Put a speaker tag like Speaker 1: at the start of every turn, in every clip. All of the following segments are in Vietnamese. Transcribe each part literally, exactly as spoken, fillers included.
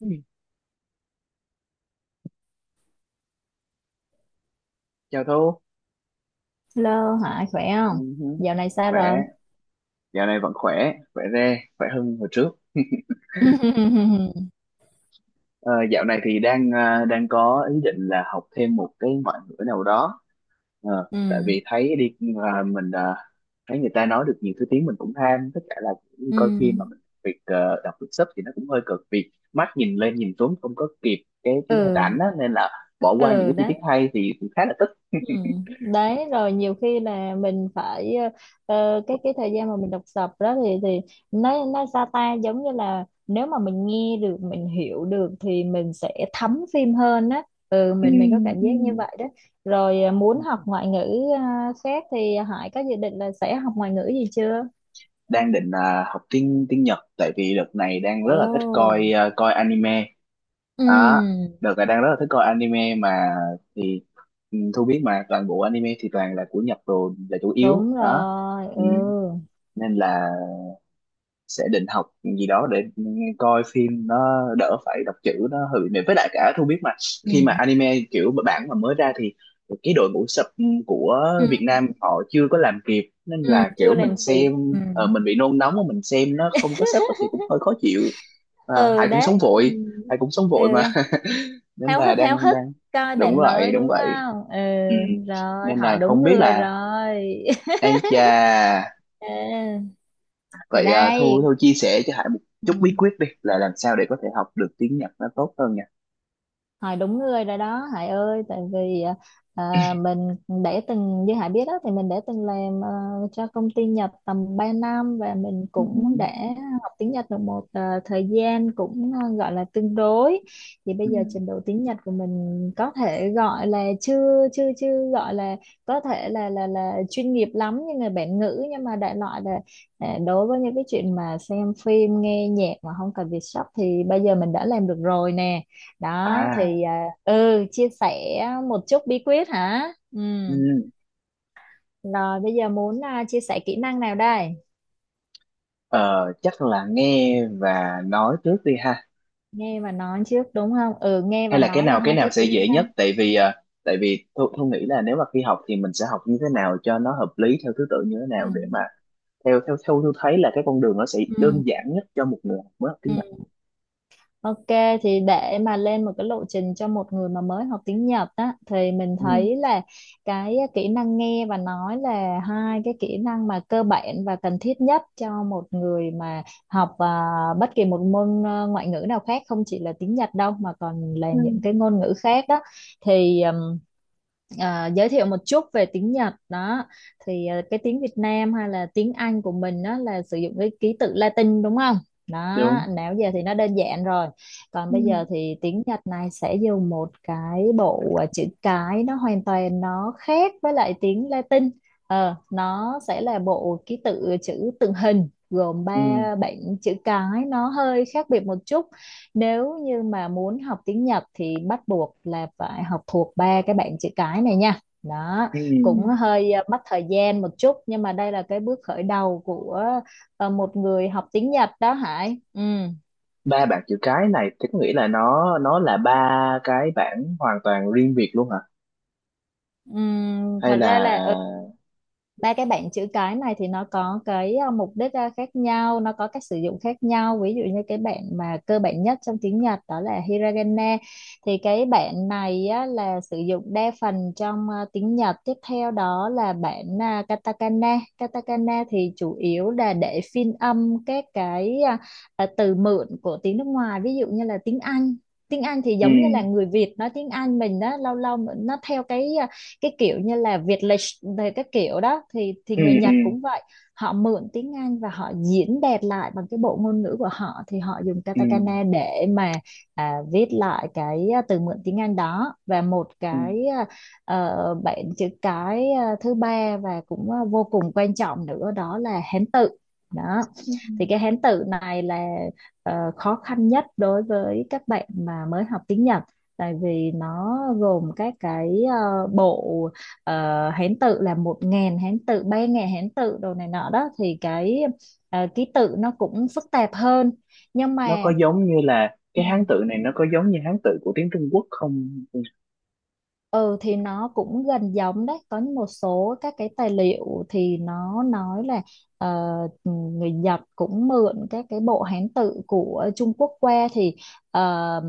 Speaker 1: Ừ, chào Thu,
Speaker 2: Lơ Hải khỏe
Speaker 1: ừ,
Speaker 2: không?
Speaker 1: hứ.
Speaker 2: Dạo này sao
Speaker 1: Khỏe,
Speaker 2: rồi?
Speaker 1: dạo này vẫn khỏe, khỏe re, khỏe hơn hồi trước.
Speaker 2: Ừ,
Speaker 1: Ờ, Dạo này thì đang à, đang có ý định là học thêm một cái ngoại ngữ nào đó. Ờ,
Speaker 2: ừ,
Speaker 1: tại vì thấy đi à, mình, à, thấy người ta nói được nhiều thứ tiếng mình cũng ham, tất cả là cũng coi phim mà
Speaker 2: ừ,
Speaker 1: mình việc ờ, đọc được sub thì nó cũng hơi cực vì mắt nhìn lên nhìn xuống không có kịp cái cái hình ảnh
Speaker 2: ừ,
Speaker 1: á, nên là bỏ qua những
Speaker 2: ừ,
Speaker 1: cái chi
Speaker 2: đấy.
Speaker 1: tiết hay thì cũng khá là tức.
Speaker 2: Ừ. Đấy, rồi nhiều khi là mình phải ờ, ờ, cái cái thời gian mà mình đọc sập đó thì thì nó nó sao ta, giống như là nếu mà mình nghe được mình hiểu được thì mình sẽ thấm phim hơn á. Ừ,
Speaker 1: Ừ,
Speaker 2: mình mình có cảm
Speaker 1: ừ.
Speaker 2: giác như vậy đó. Rồi ờ, muốn học ngoại ngữ ờ, khác thì Hải có dự định là sẽ học ngoại ngữ gì chưa?
Speaker 1: Đang định à, học tiếng tiếng Nhật, tại vì đợt này đang rất là thích
Speaker 2: Ồ.
Speaker 1: coi à, coi anime
Speaker 2: Ừ.
Speaker 1: đó. Đợt này đang rất là thích coi anime mà thì ừ, Thu biết mà toàn bộ anime thì toàn là của Nhật rồi là chủ yếu
Speaker 2: Đúng
Speaker 1: đó.
Speaker 2: rồi.
Speaker 1: Ừ,
Speaker 2: Ừ,
Speaker 1: nên là sẽ định học gì đó để coi phim nó đỡ phải đọc chữ, nó hơi bị mệt, với lại cả Thu biết mà
Speaker 2: ừ.
Speaker 1: khi mà anime kiểu bản mà mới ra thì cái đội ngũ sub của Việt
Speaker 2: Ừ.
Speaker 1: Nam họ chưa có làm kịp, nên
Speaker 2: Ừ
Speaker 1: là kiểu
Speaker 2: chưa
Speaker 1: mình
Speaker 2: làm kịp.
Speaker 1: xem,
Speaker 2: Ừ.
Speaker 1: ờ, mình bị nôn nóng mà mình xem nó không có sub thì cũng hơi khó chịu. À,
Speaker 2: Ừ
Speaker 1: ai cũng sống
Speaker 2: đấy. Ừ.
Speaker 1: vội, ai cũng sống
Speaker 2: Ừ,
Speaker 1: vội mà nên
Speaker 2: háo
Speaker 1: là
Speaker 2: hức háo
Speaker 1: đang
Speaker 2: hức
Speaker 1: đang
Speaker 2: coi
Speaker 1: đúng
Speaker 2: bạn
Speaker 1: vậy,
Speaker 2: mới
Speaker 1: đúng
Speaker 2: đúng
Speaker 1: vậy,
Speaker 2: không? Ừ.
Speaker 1: ừ.
Speaker 2: Rồi,
Speaker 1: Nên
Speaker 2: hỏi
Speaker 1: là không
Speaker 2: đúng
Speaker 1: biết
Speaker 2: người
Speaker 1: là,
Speaker 2: rồi.
Speaker 1: ai chà.
Speaker 2: Ừ. Thì
Speaker 1: Vậy à, Thu
Speaker 2: đây.
Speaker 1: Thu chia sẻ cho Hải một chút bí
Speaker 2: Ừ.
Speaker 1: quyết đi, là làm sao để có thể học được tiếng Nhật nó tốt hơn nha.
Speaker 2: Hải đúng người rồi đó Hải ơi, tại vì à, mình để từng, như Hải biết đó, thì mình để từng làm ờ, cho công ty Nhật tầm ba năm và mình
Speaker 1: Ừ.
Speaker 2: cũng đã học tiếng Nhật được một ờ, thời gian cũng ờ, gọi là tương đối. Thì
Speaker 1: Ừ.
Speaker 2: bây giờ trình độ tiếng Nhật của mình có thể gọi là chưa, chưa, chưa gọi là có thể là là là chuyên nghiệp lắm như người bản ngữ, nhưng mà đại loại là à, đối với những cái chuyện mà xem phim nghe nhạc mà không cần việc sắp thì bây giờ mình đã làm được rồi nè. Đó
Speaker 1: À,
Speaker 2: thì à, ừ, chia sẻ một chút bí quyết hả? Ừ.
Speaker 1: ừ.
Speaker 2: Rồi bây giờ muốn à, chia sẻ kỹ năng nào đây?
Speaker 1: Ờ, chắc là nghe và nói trước đi ha.
Speaker 2: Nghe và nói trước đúng không? Ừ, nghe
Speaker 1: Hay
Speaker 2: và
Speaker 1: là cái
Speaker 2: nói là
Speaker 1: nào, cái
Speaker 2: hai
Speaker 1: nào
Speaker 2: cái
Speaker 1: sẽ
Speaker 2: kỹ
Speaker 1: dễ
Speaker 2: năng.
Speaker 1: nhất? Tại vì à, tại vì Thu, Thu nghĩ là nếu mà khi học thì mình sẽ học như thế nào cho nó hợp lý, theo thứ tự như thế
Speaker 2: Ừ.
Speaker 1: nào, để mà theo theo theo Thu thấy là cái con đường nó sẽ
Speaker 2: Ừ.
Speaker 1: đơn giản nhất cho một người học mới học tiếng Nhật.
Speaker 2: Ừ. Ok, thì để mà lên một cái lộ trình cho một người mà mới học tiếng Nhật á thì mình
Speaker 1: Ừ.
Speaker 2: thấy là cái kỹ năng nghe và nói là hai cái kỹ năng mà cơ bản và cần thiết nhất cho một người mà học à, bất kỳ một môn à, ngoại ngữ nào khác, không chỉ là tiếng Nhật đâu mà còn là
Speaker 1: Ừ.
Speaker 2: những cái ngôn ngữ khác đó. Thì ừm, à, giới thiệu một chút về tiếng Nhật đó thì à, cái tiếng Việt Nam hay là tiếng Anh của mình đó là sử dụng cái ký tự Latin đúng không? Đó,
Speaker 1: Đúng.
Speaker 2: nãy giờ thì nó đơn giản rồi, còn bây giờ
Speaker 1: Ừ.
Speaker 2: thì tiếng Nhật này sẽ dùng một cái bộ à, chữ cái, nó hoàn toàn nó khác với lại tiếng Latin. Ờ, nó sẽ là bộ ký tự chữ tượng hình gồm
Speaker 1: Ừ.
Speaker 2: ba bảng chữ cái, nó hơi khác biệt một chút. Nếu như mà muốn học tiếng Nhật thì bắt buộc là phải học thuộc ba cái bảng chữ cái này nha. Đó,
Speaker 1: Ừ.
Speaker 2: cũng hơi à, mất thời gian một chút, nhưng mà đây là cái bước khởi đầu của à, một người học tiếng Nhật đó Hải. Ừ.
Speaker 1: Ba bảng chữ cái này thì có nghĩa là nó nó là ba cái bảng hoàn toàn riêng biệt luôn hả,
Speaker 2: Ừm,
Speaker 1: hay
Speaker 2: thật ra
Speaker 1: là
Speaker 2: là ừ, ba cái bảng chữ cái này thì nó có cái ờ, mục đích ờ, khác nhau, nó có cách sử dụng khác nhau. Ví dụ như cái bảng mà cơ bản nhất trong tiếng Nhật đó là hiragana. Thì cái bảng này á, là sử dụng đa phần trong ờ, tiếng Nhật. Tiếp theo đó là bảng ờ, katakana. Katakana thì chủ yếu là để phiên âm các cái ờ, ờ, từ mượn của tiếng nước ngoài. Ví dụ như là tiếng Anh. Tiếng Anh thì
Speaker 1: ừ,
Speaker 2: giống như là người Việt nói tiếng Anh mình đó, lâu lâu nó theo cái ờ, cái kiểu như là Việt lịch về các kiểu đó thì thì
Speaker 1: ừ,
Speaker 2: người
Speaker 1: ừ,
Speaker 2: Nhật cũng vậy, họ mượn tiếng Anh và họ diễn đạt lại bằng cái bộ ngôn ngữ của họ thì họ dùng
Speaker 1: ừ,
Speaker 2: katakana để mà à, viết lại cái à, từ mượn tiếng Anh đó. Và một
Speaker 1: ừ,
Speaker 2: cái à, ờ, bạn chữ cái à, thứ ba và cũng à, vô cùng quan trọng nữa đó là Hán tự. Đó
Speaker 1: ừ.
Speaker 2: thì cái Hán tự này là ờ, khó khăn nhất đối với các bạn mà mới học tiếng Nhật, tại vì nó gồm các cái ờ, bộ ờ, Hán tự, là một ngàn Hán tự, ba ngàn Hán tự đồ này nọ đó, thì cái ờ, ký tự nó cũng phức tạp hơn, nhưng
Speaker 1: Nó
Speaker 2: mà
Speaker 1: có giống như là
Speaker 2: ừ.
Speaker 1: cái Hán tự này, nó có giống như Hán tự của tiếng Trung Quốc không? Ừ,
Speaker 2: Ừ, thì nó cũng gần giống đấy. Có một số các cái tài liệu thì nó nói là ờ, người Nhật cũng mượn các cái bộ Hán tự của Trung Quốc qua, thì uh,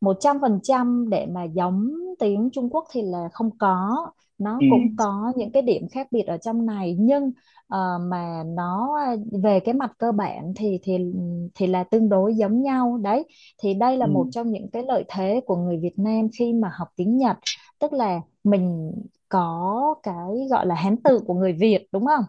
Speaker 2: một trăm phần trăm để mà giống tiếng Trung Quốc thì là không có, nó
Speaker 1: ừ,
Speaker 2: cũng có những cái điểm khác biệt ở trong này, nhưng ờ, mà nó à, về cái mặt cơ bản thì thì thì là tương đối giống nhau đấy. Thì đây
Speaker 1: ừ.
Speaker 2: là một trong những cái lợi thế của người Việt Nam khi mà học tiếng Nhật, tức là mình có cái gọi là Hán tự của người Việt đúng không?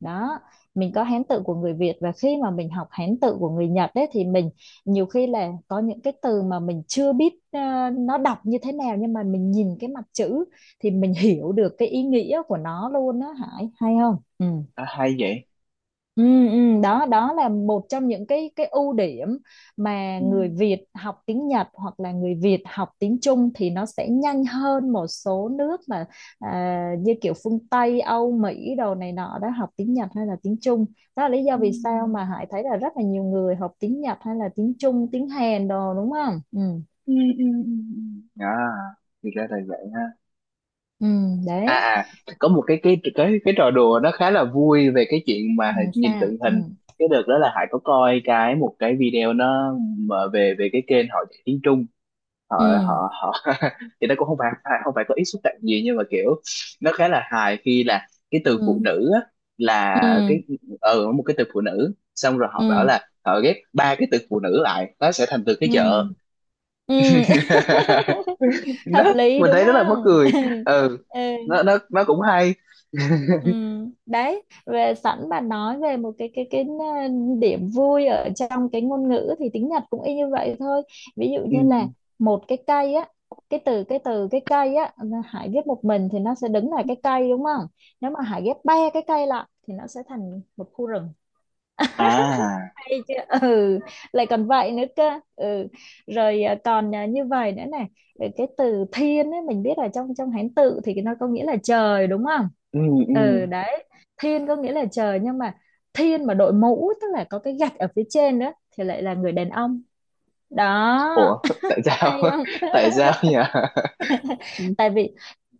Speaker 2: Đó, mình có Hán tự của người Việt và khi mà mình học Hán tự của người Nhật đấy thì mình nhiều khi là có những cái từ mà mình chưa biết ờ, nó đọc như thế nào, nhưng mà mình nhìn cái mặt chữ thì mình hiểu được cái ý nghĩa của nó luôn đó Hải, hay không? Ừ.
Speaker 1: À, hay vậy.
Speaker 2: Ừ, ừ, đó đó là một trong những cái cái ưu điểm mà
Speaker 1: Ừ,
Speaker 2: người Việt học tiếng Nhật hoặc là người Việt học tiếng Trung thì nó sẽ nhanh hơn một số nước mà à, như kiểu phương Tây, Âu, Mỹ đồ này nọ đó, học tiếng Nhật hay là tiếng Trung. Đó là lý do vì sao
Speaker 1: ừ,
Speaker 2: mà Hải thấy là rất là nhiều người học tiếng Nhật hay là tiếng Trung, tiếng Hàn đồ, đúng không? Ừ,
Speaker 1: ừ, ừ, ừ. Ừ. À, thì ra là vậy ha.
Speaker 2: ừ
Speaker 1: À,
Speaker 2: đấy.
Speaker 1: à, có một cái cái cái cái trò đùa nó khá là vui về cái chuyện
Speaker 2: Ừ,
Speaker 1: mà nhìn
Speaker 2: sao?
Speaker 1: tượng
Speaker 2: Ừ,
Speaker 1: hình. Cái đợt đó là Hải có coi cái một cái video nó mà về về cái kênh họ dạy tiếng Trung, họ
Speaker 2: ừ,
Speaker 1: họ họ thì nó cũng không phải phải- không phải có ý xúc phạm gì, nhưng mà kiểu nó khá là hài. Khi là cái từ
Speaker 2: ừ,
Speaker 1: phụ nữ á, là
Speaker 2: ừ,
Speaker 1: cái, ừ, một cái từ phụ nữ, xong rồi họ bảo
Speaker 2: ừ.
Speaker 1: là họ ghép ba cái từ phụ nữ lại nó sẽ thành từ cái
Speaker 2: Ừ. Ừ.
Speaker 1: chợ.
Speaker 2: Ừ.
Speaker 1: Đó,
Speaker 2: Hợp lý
Speaker 1: mình
Speaker 2: đúng
Speaker 1: thấy rất là mắc
Speaker 2: không?
Speaker 1: cười. Ừ,
Speaker 2: Ừ.
Speaker 1: nó nó nó cũng hay.
Speaker 2: Ừ đấy, về sẵn bạn nói về một cái cái cái ờ, điểm vui ở trong cái ngôn ngữ thì tiếng Nhật cũng y như vậy thôi. Ví dụ
Speaker 1: Ừ.
Speaker 2: như là một cái cây á, cái từ cái từ cái cây á, Hải ghép một mình thì nó sẽ đứng là cái cây đúng không, nếu mà Hải ghép ba cái cây lại thì nó sẽ thành một khu rừng.
Speaker 1: À,
Speaker 2: Hay chưa? Ừ, lại còn vậy nữa cơ. Ừ. Rồi à, còn à, như vậy nữa này, rồi cái từ thiên ấy, mình biết là trong trong Hán tự thì nó có nghĩa là trời đúng không?
Speaker 1: ừ, ừ.
Speaker 2: Ừ đấy, thiên có nghĩa là trời, nhưng mà thiên mà đội mũ, tức là có cái gạch ở phía trên nữa, thì lại là người đàn ông. Đó,
Speaker 1: Ủa, tại sao?
Speaker 2: hay không?
Speaker 1: Tại sao nhỉ? Ừ,
Speaker 2: Tại vì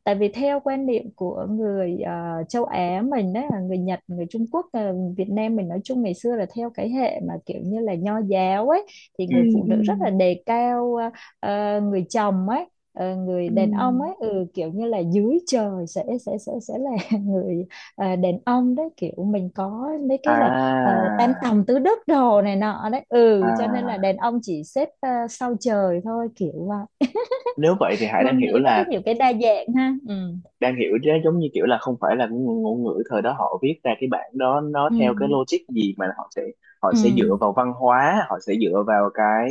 Speaker 2: tại vì theo quan niệm của người ờ, châu Á mình đấy, là người Nhật, người Trung Quốc ờ, Việt Nam mình nói chung, ngày xưa là theo cái hệ mà kiểu như là nho giáo ấy, thì
Speaker 1: ừ,
Speaker 2: người phụ
Speaker 1: ừ.
Speaker 2: nữ rất là đề cao ờ, ờ, người chồng ấy, ờ, người
Speaker 1: Ừ.
Speaker 2: đàn ông ấy, ừ, kiểu như là dưới trời sẽ sẽ sẽ sẽ là người ờ, đàn ông đấy, kiểu mình có mấy cái là ờ,
Speaker 1: À,
Speaker 2: tam tòng tứ đức đồ này nọ đấy. Ừ, cho nên là
Speaker 1: à,
Speaker 2: đàn ông chỉ xếp ờ, sau trời thôi kiểu vậy.
Speaker 1: nếu vậy thì Hải đang
Speaker 2: Ngôn ngữ
Speaker 1: hiểu
Speaker 2: nó có
Speaker 1: là,
Speaker 2: nhiều cái đa dạng ha. Ừ.
Speaker 1: đang hiểu chứ, giống như kiểu là không phải là cái ngôn ngôn ngữ thời đó họ viết ra cái bản đó nó
Speaker 2: Ừ.
Speaker 1: theo cái logic gì mà họ sẽ, họ
Speaker 2: Ừ.
Speaker 1: sẽ dựa vào văn hóa, họ sẽ dựa vào cái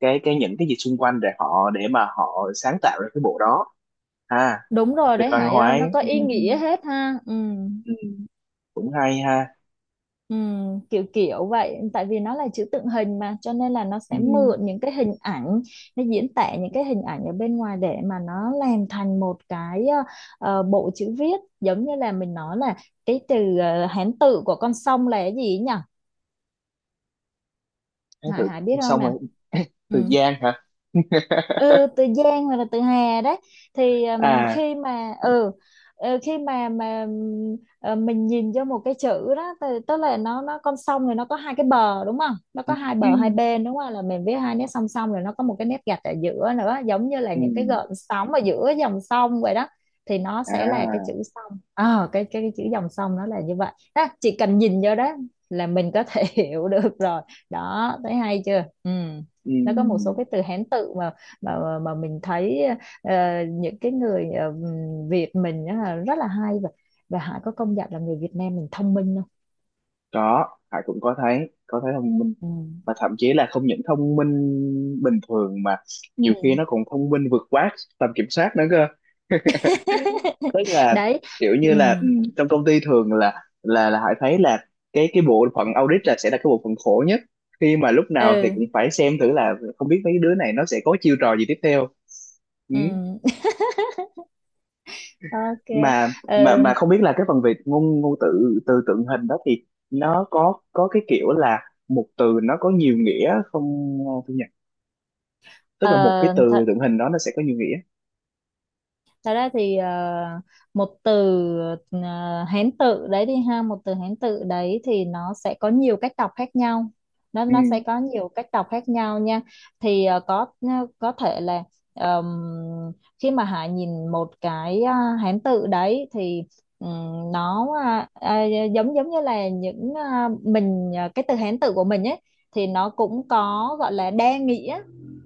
Speaker 1: cái cái những cái gì xung quanh để họ, để mà họ sáng tạo ra cái bộ đó. À,
Speaker 2: Đúng rồi
Speaker 1: về
Speaker 2: đấy
Speaker 1: văn
Speaker 2: Hải
Speaker 1: hóa
Speaker 2: ơi,
Speaker 1: ấy.
Speaker 2: nó có
Speaker 1: Ừ,
Speaker 2: ý
Speaker 1: ừ,
Speaker 2: nghĩa hết ha. Ừ.
Speaker 1: ừ, ừ, cũng hay ha.
Speaker 2: Ừ. Kiểu kiểu vậy, tại vì nó là chữ tượng hình mà, cho nên là nó
Speaker 1: Ừ.
Speaker 2: sẽ
Speaker 1: Ừ.
Speaker 2: mượn những cái hình ảnh, nó diễn tả những cái hình ảnh ở bên ngoài để mà nó làm thành một cái ờ, ờ, bộ chữ viết, giống như là mình nói là cái từ ờ, Hán tự của con sông là cái gì nhỉ?
Speaker 1: Tháng
Speaker 2: Hải
Speaker 1: tự,
Speaker 2: Hải biết không
Speaker 1: xong
Speaker 2: nè?
Speaker 1: rồi
Speaker 2: Ừ.
Speaker 1: Từ Giang hả.
Speaker 2: Ừ, từ Giang hoặc là từ Hà đấy, thì ừm,
Speaker 1: À,
Speaker 2: khi mà ừ ờ, khi mà mà ừm, ờ, mình nhìn vô một cái chữ đó thì, tức là nó nó con sông, rồi nó có hai cái bờ đúng không, nó
Speaker 1: ừ,
Speaker 2: có hai
Speaker 1: ừ,
Speaker 2: bờ hai bên đúng không, là mình viết hai nét song song, rồi nó có một cái nét gạch ở giữa nữa, giống như là
Speaker 1: ừ.
Speaker 2: những cái gợn sóng ở giữa dòng sông vậy đó, thì nó sẽ là cái chữ
Speaker 1: À,
Speaker 2: sông. Ờ, cái, cái cái chữ dòng sông nó là như vậy đó, chỉ cần nhìn vô đó là mình có thể hiểu được rồi. Đó thấy hay chưa? Ừ.
Speaker 1: ừ.
Speaker 2: Nó có một số cái từ Hán tự mà mà mà mình thấy ờ, những cái người ờ, Việt mình á là rất là hay. và và Hải có công nhận là người Việt Nam mình thông minh không?
Speaker 1: Có, Hải cũng có thấy, có thấy thông minh,
Speaker 2: Ừ.
Speaker 1: và thậm chí là không những thông minh bình thường, mà
Speaker 2: Ừ.
Speaker 1: nhiều khi nó còn thông minh vượt quá tầm kiểm soát nữa. Tức là
Speaker 2: Đấy.
Speaker 1: kiểu như
Speaker 2: Ừ.
Speaker 1: là ừ, trong công ty thường là là là Hải thấy là cái cái bộ phận audit là sẽ là cái bộ phận khổ nhất, khi mà lúc nào thì
Speaker 2: Ừ.
Speaker 1: cũng phải xem thử là không biết mấy đứa này nó sẽ có chiêu trò gì tiếp theo. Ừ.
Speaker 2: Ừ. Ok.
Speaker 1: mà mà mà
Speaker 2: Ừ.
Speaker 1: không biết là cái phần về ngôn ngôn từ từ tượng hình đó thì nó có có cái kiểu là một từ nó có nhiều nghĩa không, Thu nhỉ? Tức
Speaker 2: Ờ,
Speaker 1: là một cái
Speaker 2: ờ,
Speaker 1: từ tượng hình đó, nó sẽ có nhiều nghĩa.
Speaker 2: thật ra thì ờ, một từ ờ, Hán tự đấy đi ha, một từ Hán tự đấy thì nó sẽ có nhiều cách đọc khác nhau, nó
Speaker 1: Ừ,
Speaker 2: nó sẽ có nhiều cách đọc khác nhau nha. Thì ờ, có ờ, có thể là ờm, khi mà Hải nhìn một cái ờ, Hán tự đấy thì ừm, nó à, à, giống giống như là những à, mình à, cái từ Hán tự của mình ấy thì nó cũng có gọi là đa nghĩa.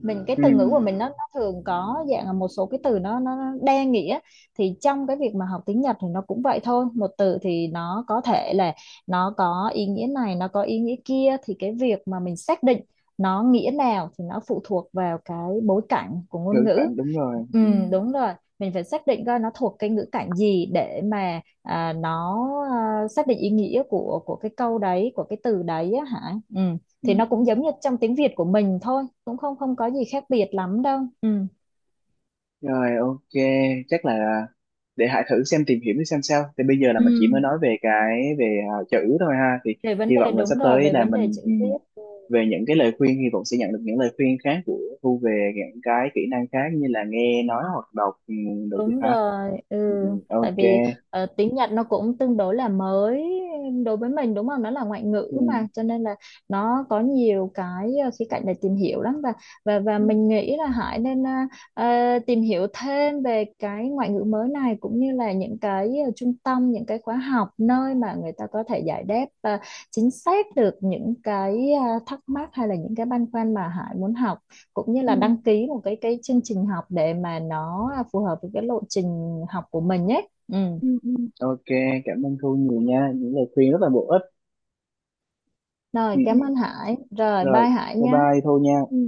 Speaker 2: Mình cái
Speaker 1: ừ,
Speaker 2: từ ngữ của mình nó nó thường có dạng là một số cái từ nó nó nó đa nghĩa. Thì trong cái việc mà học tiếng Nhật thì nó cũng vậy thôi, một từ thì nó có thể là nó có ý nghĩa này, nó có ý nghĩa kia, thì cái việc mà mình xác định nó nghĩa nào thì nó phụ thuộc vào cái bối cảnh của ngôn
Speaker 1: ngữ
Speaker 2: ngữ.
Speaker 1: cảnh đúng rồi.
Speaker 2: Ừ, đúng rồi. Mình phải xác định coi nó thuộc cái ngữ cảnh gì để mà à, nó à, xác định ý nghĩa của của cái câu đấy, của cái từ đấy á, hả. Ừ.
Speaker 1: Ừ.
Speaker 2: Thì nó cũng giống như trong tiếng Việt của mình thôi, cũng không không có gì khác biệt lắm đâu. Ừ.
Speaker 1: Rồi, ok, chắc là để Hải thử xem, tìm hiểu xem sao. Thì bây giờ là mình chỉ
Speaker 2: Ừ.
Speaker 1: mới nói về cái về à, chữ thôi ha. Thì
Speaker 2: Về vấn
Speaker 1: hy
Speaker 2: đề,
Speaker 1: vọng là
Speaker 2: đúng
Speaker 1: sắp
Speaker 2: rồi,
Speaker 1: tới
Speaker 2: về
Speaker 1: là
Speaker 2: vấn đề
Speaker 1: mình
Speaker 2: chữ
Speaker 1: ừ,
Speaker 2: viết.
Speaker 1: về những cái lời khuyên, hy vọng sẽ nhận được những lời khuyên khác của Thu về những cái kỹ năng khác như là nghe nói hoặc đọc, ừ, đồ kia
Speaker 2: Đúng
Speaker 1: ha.
Speaker 2: rồi, ừ.
Speaker 1: Ừ, ừ, ok.
Speaker 2: Tại vì ờ, tiếng Nhật nó cũng tương đối là mới đối với mình đúng không? Nó là ngoại
Speaker 1: Ừ,
Speaker 2: ngữ mà, cho nên là nó có nhiều cái ờ, khía cạnh để tìm hiểu lắm, và và và
Speaker 1: ừ,
Speaker 2: mình nghĩ là Hải nên ờ, ờ, tìm hiểu thêm về cái ngoại ngữ mới này, cũng như là những cái ờ, trung tâm, những cái khóa học nơi mà người ta có thể giải đáp ờ, chính xác được những cái ờ, thắc mắc hay là những cái băn khoăn mà Hải muốn học, cũng như
Speaker 1: ừ,
Speaker 2: là đăng ký một cái cái chương trình học để mà nó phù hợp với cái lộ trình học của mình nhé. Ừ.
Speaker 1: ừ. Ok, cảm ơn Thu nhiều nha. Những lời khuyên rất là bổ ích.
Speaker 2: Rồi,
Speaker 1: Ừ, ừ.
Speaker 2: cảm ơn Hải. Rồi,
Speaker 1: Rồi,
Speaker 2: bye Hải
Speaker 1: bye
Speaker 2: nhé.
Speaker 1: bye Thu nha.